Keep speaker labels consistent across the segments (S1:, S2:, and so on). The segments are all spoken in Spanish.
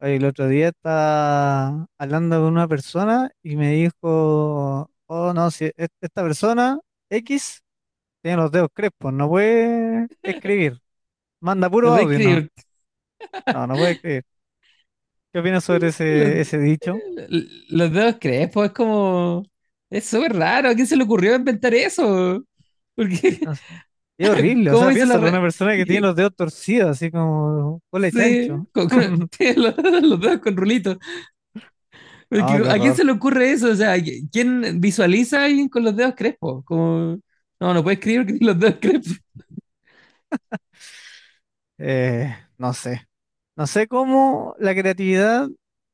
S1: Oye, el otro día estaba hablando con una persona y me dijo, oh no, si es- esta persona X tiene los dedos crespos, no puede escribir, manda
S2: No
S1: puro
S2: voy a
S1: audio, no,
S2: creer.
S1: no puede escribir. ¿Qué opinas sobre ese,
S2: Los,
S1: ese dicho?
S2: los dedos crespos, es como. Es súper raro. ¿A quién se le ocurrió inventar eso? Porque,
S1: No sé. Es horrible, o
S2: ¿Cómo
S1: sea,
S2: hizo la.
S1: piénsalo, una persona que tiene los dedos torcidos, así como cole
S2: Sí,
S1: chancho.
S2: tiene los dedos con rulitos.
S1: No,
S2: Porque,
S1: qué
S2: ¿a quién
S1: horror.
S2: se le ocurre eso? O sea, ¿quién visualiza a alguien con los dedos crespos? Como. No, no puedes escribir que tiene los dedos crespos.
S1: No sé. No sé cómo la creatividad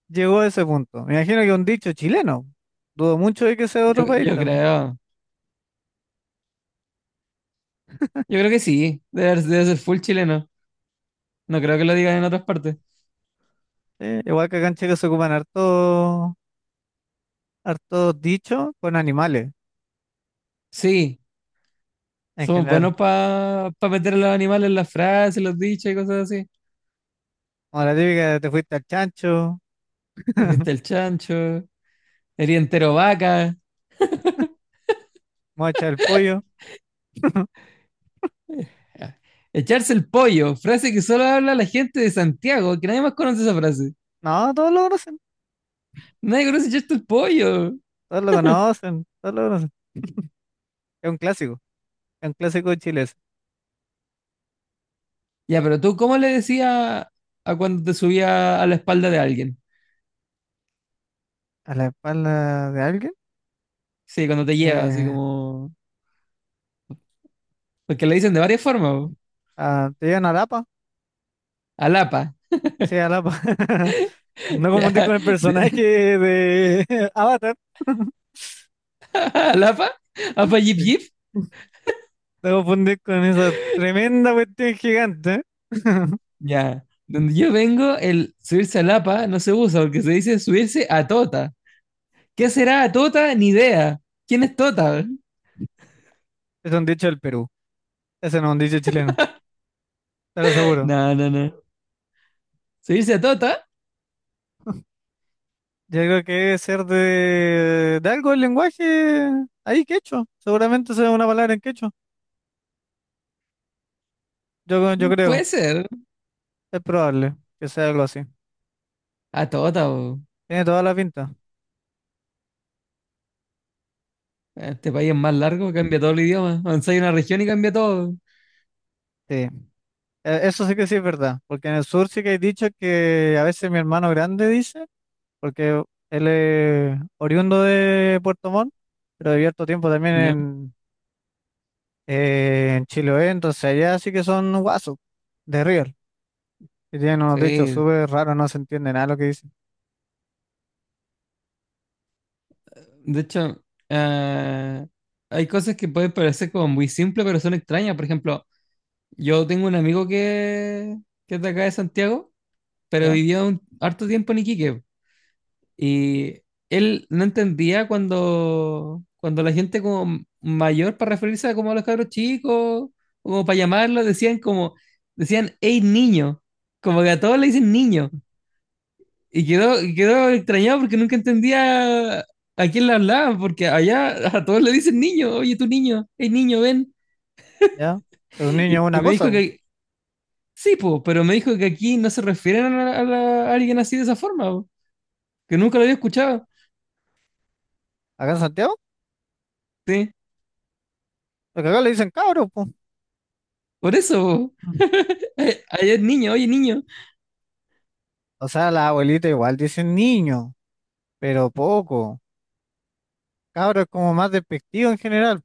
S1: llegó a ese punto. Me imagino que un dicho chileno. Dudo mucho de que sea de
S2: Yo,
S1: otro país
S2: yo
S1: también.
S2: creo. Yo creo que sí. Debe ser full chileno. No creo que lo digan en otras partes.
S1: Igual que acá en Chile se ocupan hartos dichos con animales
S2: Sí.
S1: en
S2: Somos
S1: general.
S2: buenos para meter a los animales en las frases, los dichos y cosas así.
S1: Como la típica de te fuiste al chancho,
S2: Te fuiste el chancho, eres entero vaca.
S1: mocha el pollo.
S2: Echarse el pollo, frase que solo habla la gente de Santiago, que nadie más conoce esa frase.
S1: No, todos lo conocen,
S2: Nadie conoce echarse el pollo.
S1: todos lo conocen. Es un clásico, es un clásico chileno.
S2: Ya, pero tú, ¿cómo le decías a cuando te subía a la espalda de alguien?
S1: A la espalda de alguien,
S2: Sí, cuando te lleva, así
S1: eh,
S2: como. Porque le dicen de varias formas, po.
S1: te llevan a Lapa,
S2: Alapa.
S1: sí, a Lapa. No confundir con
S2: Ya,
S1: el personaje
S2: de-
S1: de Avatar.
S2: Alapa, apa yip
S1: Sí.
S2: yip.
S1: No confundir con esa tremenda cuestión gigante.
S2: Ya, donde yo vengo, el subirse a Lapa no se usa porque se dice subirse a Tota. ¿Qué será a Tota? Ni idea. ¿Quién es Tota?
S1: Es un dicho del Perú. Ese no es un dicho chileno, te lo aseguro.
S2: No, no, no. ¿Subirse a Tota?
S1: Yo creo que debe ser de algo del lenguaje ahí quechua. Seguramente sea una palabra en quechua. Yo
S2: Mm,
S1: creo.
S2: puede ser.
S1: Es probable que sea algo así.
S2: A Tota, po.
S1: Tiene toda la pinta.
S2: Este país es más largo, cambia todo el idioma. Avanza una región y cambia todo.
S1: Sí. Eso sí que sí es verdad. Porque en el sur sí que hay dicho que a veces mi hermano grande dice. Porque él es oriundo de Puerto Montt, pero vivió harto tiempo también
S2: Ya.
S1: en Chiloé, entonces allá sí que son guasos de River, que tienen unos dichos
S2: Sí.
S1: súper raros, no se entiende nada lo que dicen.
S2: De hecho, ah, hay cosas que pueden parecer como muy simples, pero son extrañas. Por ejemplo, yo tengo un amigo que es de acá de Santiago, pero
S1: ¿Ya?
S2: vivió un harto tiempo en Iquique. Y él no entendía cuando la gente como mayor, para referirse a como a los cabros chicos, como para llamarlo, decían, hey niño, como que a todos le dicen niño. Y quedó extrañado porque nunca entendía a quién le hablaban, porque allá a todos le dicen niño, oye tú niño, hey niño, ven.
S1: ¿Ya? Pero un
S2: Y,
S1: niño es
S2: y
S1: una
S2: me
S1: cosa,
S2: dijo
S1: po.
S2: que, sí, po, pero me dijo que aquí no se refieren a, a alguien así de esa forma, po, que nunca lo había escuchado.
S1: Acá en Santiago,
S2: Sí,
S1: porque acá le dicen cabros, po.
S2: por eso.
S1: Mm.
S2: Po. Hay un niño, oye niño,
S1: O sea, la abuelita igual dicen niño, pero poco. Cabro es como más despectivo en general.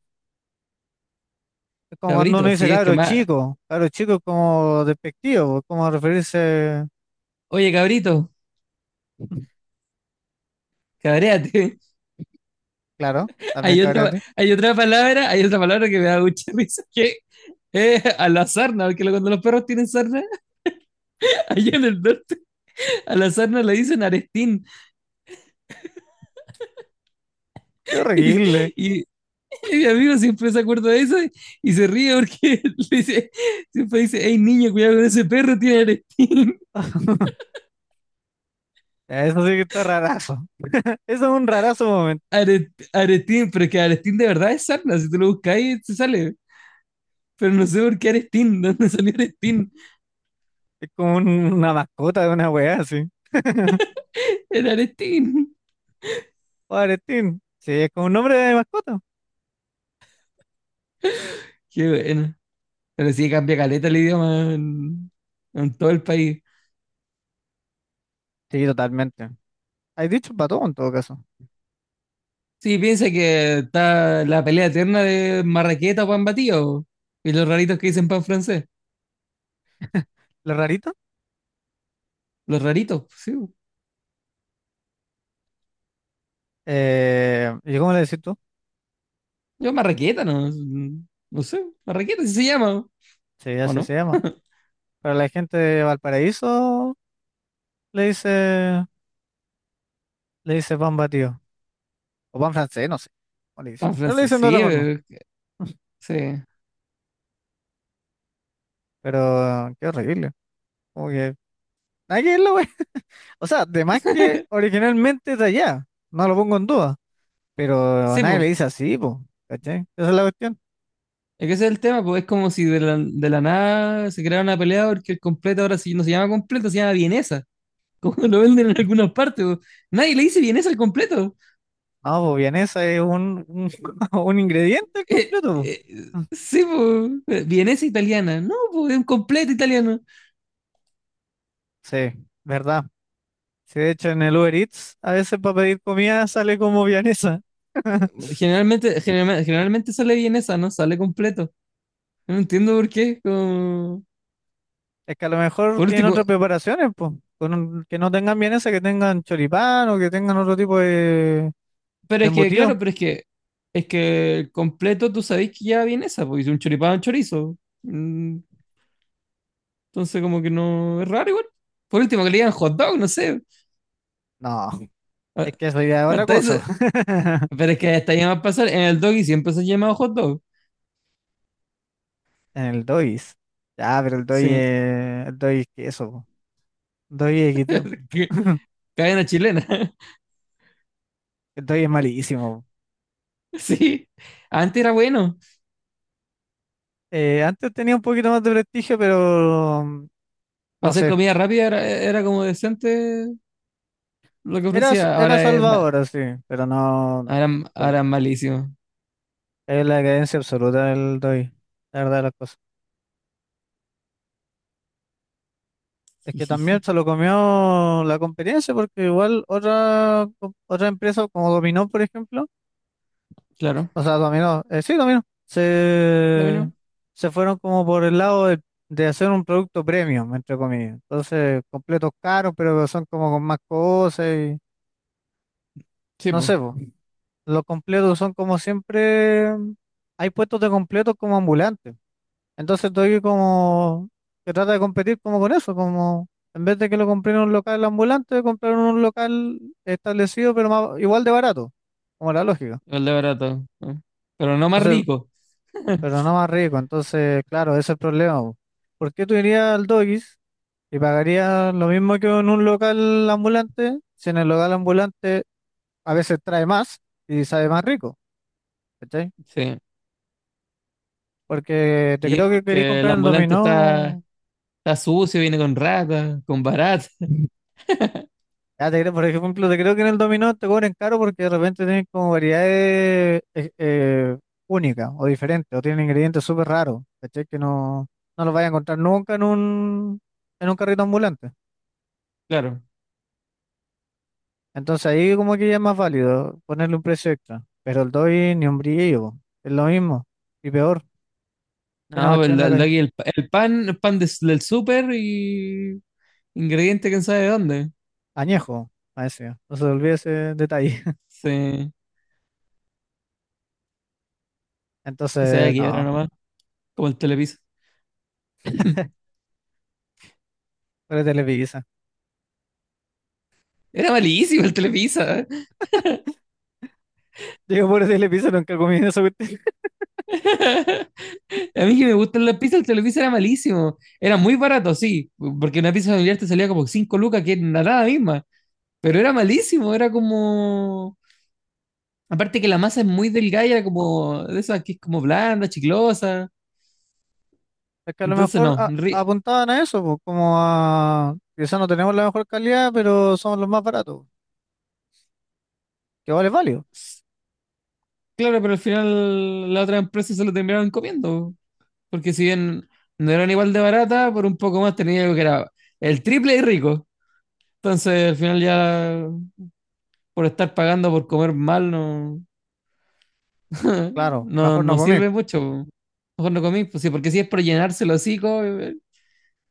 S1: Es como cuando uno
S2: cabrito,
S1: dice
S2: sí, es que
S1: cabro
S2: más,
S1: chico. Cabro chico es como despectivo, es como referirse,
S2: oye cabrito, cabréate.
S1: claro, también cabro.
S2: Hay otra palabra que me da mucha risa, que es a la sarna, porque cuando los perros tienen sarna, allá en el norte, a la sarna le dicen arestín.
S1: Qué
S2: Y,
S1: horrible.
S2: y- y mi amigo siempre se acuerda de eso y se ríe porque le dice, siempre dice, hey niño, cuidado con ese perro, tiene arestín.
S1: Eso sí que está rarazo. Eso es un rarazo momento.
S2: Arestín, pero es que arestín de verdad es sarna, si tú lo buscas ahí, te sale. Pero no sé por qué arestín, ¿de dónde salió arestín?
S1: Es como una mascota de una weá así.
S2: En Arestín.
S1: Pobretín. Sí, es como un nombre de mascota.
S2: Qué bueno. Pero sí cambia caleta el idioma en todo el país.
S1: Sí, totalmente. Hay dicho para todo en todo caso.
S2: Sí, piensa que está la pelea eterna de marraqueta o pan batido. Y los raritos que dicen pan francés.
S1: Lo rarito.
S2: Los raritos, sí.
S1: ¿Y cómo le decís tú?
S2: Yo marraqueta, no, no sé. Marraqueta sí se llama,
S1: Sí,
S2: ¿o
S1: así se
S2: no?
S1: llama. Pero la gente de Valparaíso le dice, le dice pan batido. O pan francés, no sé cómo le dicen.
S2: Pan
S1: Pero le
S2: francés,
S1: dicen de
S2: sí,
S1: otra forma.
S2: sí.
S1: Pero qué horrible. Como que. Nada que ver la. O sea, de más que originalmente es de allá. No lo pongo en duda. Pero
S2: Sí,
S1: nadie le
S2: pues.
S1: dice así, pues, ¿cachai? Esa es la cuestión.
S2: Es que ese es el tema, pues es como si de la nada se creara una pelea porque el completo ahora sí no se llama completo, se llama vienesa. Como lo venden en algunas partes, po. Nadie le dice vienesa al completo.
S1: No, pues bien, es un ingrediente
S2: Eh,
S1: completo,
S2: eh,
S1: po.
S2: sí, po. Eh, vienesa italiana, no, po, es un completo italiano.
S1: Sí, verdad. Sí, de hecho en el Uber Eats a veces para pedir comida sale como vienesa.
S2: Generalmente sale vienesa, no sale completo. No entiendo por qué.
S1: Es que a lo mejor
S2: Por
S1: tienen
S2: último,
S1: otras preparaciones, pues, con que no tengan vienesa, que tengan choripán o que tengan otro tipo
S2: pero
S1: de
S2: es que,
S1: embutido.
S2: claro, pero es que el completo tú sabés que ya vienesa, porque es un choripán un chorizo. Mm, entonces, como que no es raro igual. Por último, que le digan hot dog, no sé.
S1: No,
S2: A-
S1: es que eso ya es otra
S2: Hasta
S1: cosa,
S2: eso.
S1: po.
S2: Pero es que hasta llama a pasar. En el doggy siempre se ha llamado hot dog.
S1: En el Dois. Ya, pero
S2: Sí.
S1: el Dois es queso, po. Dois es equiteo.
S2: Que- Cadena chilena.
S1: El entonces es malísimo.
S2: Sí, antes era bueno.
S1: Antes tenía un poquito más de prestigio, pero
S2: Para
S1: no
S2: hacer
S1: sé.
S2: comida rápida era como decente lo que ofrecía.
S1: Era
S2: Ahora es
S1: salvador, sí, pero no, no.
S2: ahora,
S1: Es
S2: ahora
S1: la,
S2: es malísimo.
S1: es la decadencia absoluta del Doi, la verdad de las cosas. Es
S2: Sí,
S1: que
S2: sí,
S1: también
S2: sí.
S1: se lo comió la competencia, porque igual otra empresa como Dominó, por ejemplo,
S2: Claro,
S1: o sea, Dominó, sí, Dominó,
S2: también no.
S1: se fueron como por el lado de hacer un producto premium, entre comillas. Entonces, completos caros, pero son como con más cosas y
S2: Sí,
S1: no
S2: pues,
S1: sé, po. Los completos son como siempre, hay puestos de completos como ambulantes. Entonces tú como que trata de competir como con eso, como en vez de que lo compré en un local ambulante, comprar en un local establecido pero igual de barato, como la lógica.
S2: el de barato. ¿No? Pero no más
S1: Entonces,
S2: rico.
S1: pero no más rico. Entonces, claro, ese es el problema, po. ¿Por qué tú irías al Doggies y pagarías lo mismo que en un local ambulante si en el local ambulante a veces trae más y sabe más rico?
S2: Sí,
S1: Porque te
S2: sí,
S1: creo que quería
S2: porque el
S1: comprar el
S2: ambulante
S1: dominó.
S2: está sucio, viene con ratas, con baratas.
S1: Ya te creo, por ejemplo, te creo que en el dominó te cobran caro porque de repente tienen como variedades únicas o diferentes, o tienen ingredientes súper raros, ¿cachai? Que no los vas a encontrar nunca en en un carrito ambulante.
S2: Claro.
S1: Entonces ahí como que ya es más válido ponerle un precio extra. Pero el doy ni un brillo, po, es lo mismo. Y peor, tiene una
S2: No, pues
S1: cuestión en la
S2: el de
S1: calle.
S2: aquí, el, el pan del súper y ingrediente quién sabe de dónde.
S1: Añejo, a ese, no se olvide ese detalle.
S2: Sí, que se vaya a
S1: Entonces,
S2: quiebra
S1: no,
S2: nomás, como el Telepizza.
S1: pero
S2: Era malísimo el Telepizza.
S1: digo, por el episodio nunca comí esa cuestión.
S2: A mí que me gustan las pizzas, el Telepizza era malísimo. Era muy barato, sí, porque una pizza familiar te salía como 5 lucas, que era nada misma. Pero era malísimo, era como. Aparte que la masa es muy delgada, y era como de esas que es como blanda, chiclosa.
S1: Es que a lo
S2: Entonces,
S1: mejor
S2: no. ri-
S1: apuntaban a eso, pues, como a quizás no tenemos la mejor calidad, pero somos los más baratos, que vale válido.
S2: Claro, pero al final la otra empresa se lo terminaron comiendo. Porque si bien no eran igual de barata, por un poco más tenía algo que era el triple y rico. Entonces, al final ya por estar pagando por comer mal, no,
S1: Claro,
S2: no,
S1: mejor no
S2: no
S1: comí
S2: sirve mucho. Po. Mejor no comí, pues sí, porque si es por llenarse el hocico,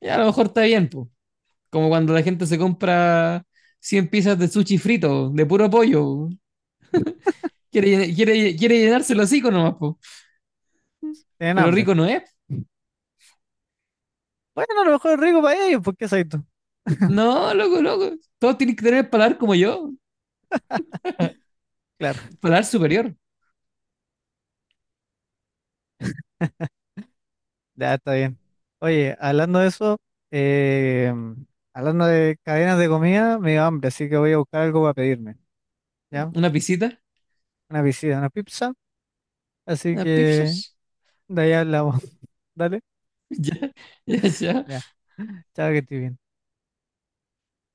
S2: ya a lo mejor está bien, pues. Como cuando la gente se compra 100 piezas de sushi frito, de puro pollo. Po. Quiere llenarse el hocico nomás, pues.
S1: tienen
S2: Pero
S1: hambre.
S2: rico no es.
S1: Bueno, a lo mejor es rico para ellos, porque soy tú.
S2: No, loco, loco. Todos tienen que tener el paladar como yo.
S1: Claro,
S2: Paladar superior.
S1: ya está bien. Oye, hablando de eso, eh, hablando de cadenas de comida, me dio hambre, así que voy a buscar algo para pedirme, ¿ya?
S2: Una pisita,
S1: Una pizza, así
S2: unas
S1: que
S2: pizzas.
S1: de ahí hablamos. Dale,
S2: Ya, ya,
S1: ya.
S2: ya.
S1: Chao, que estés bien.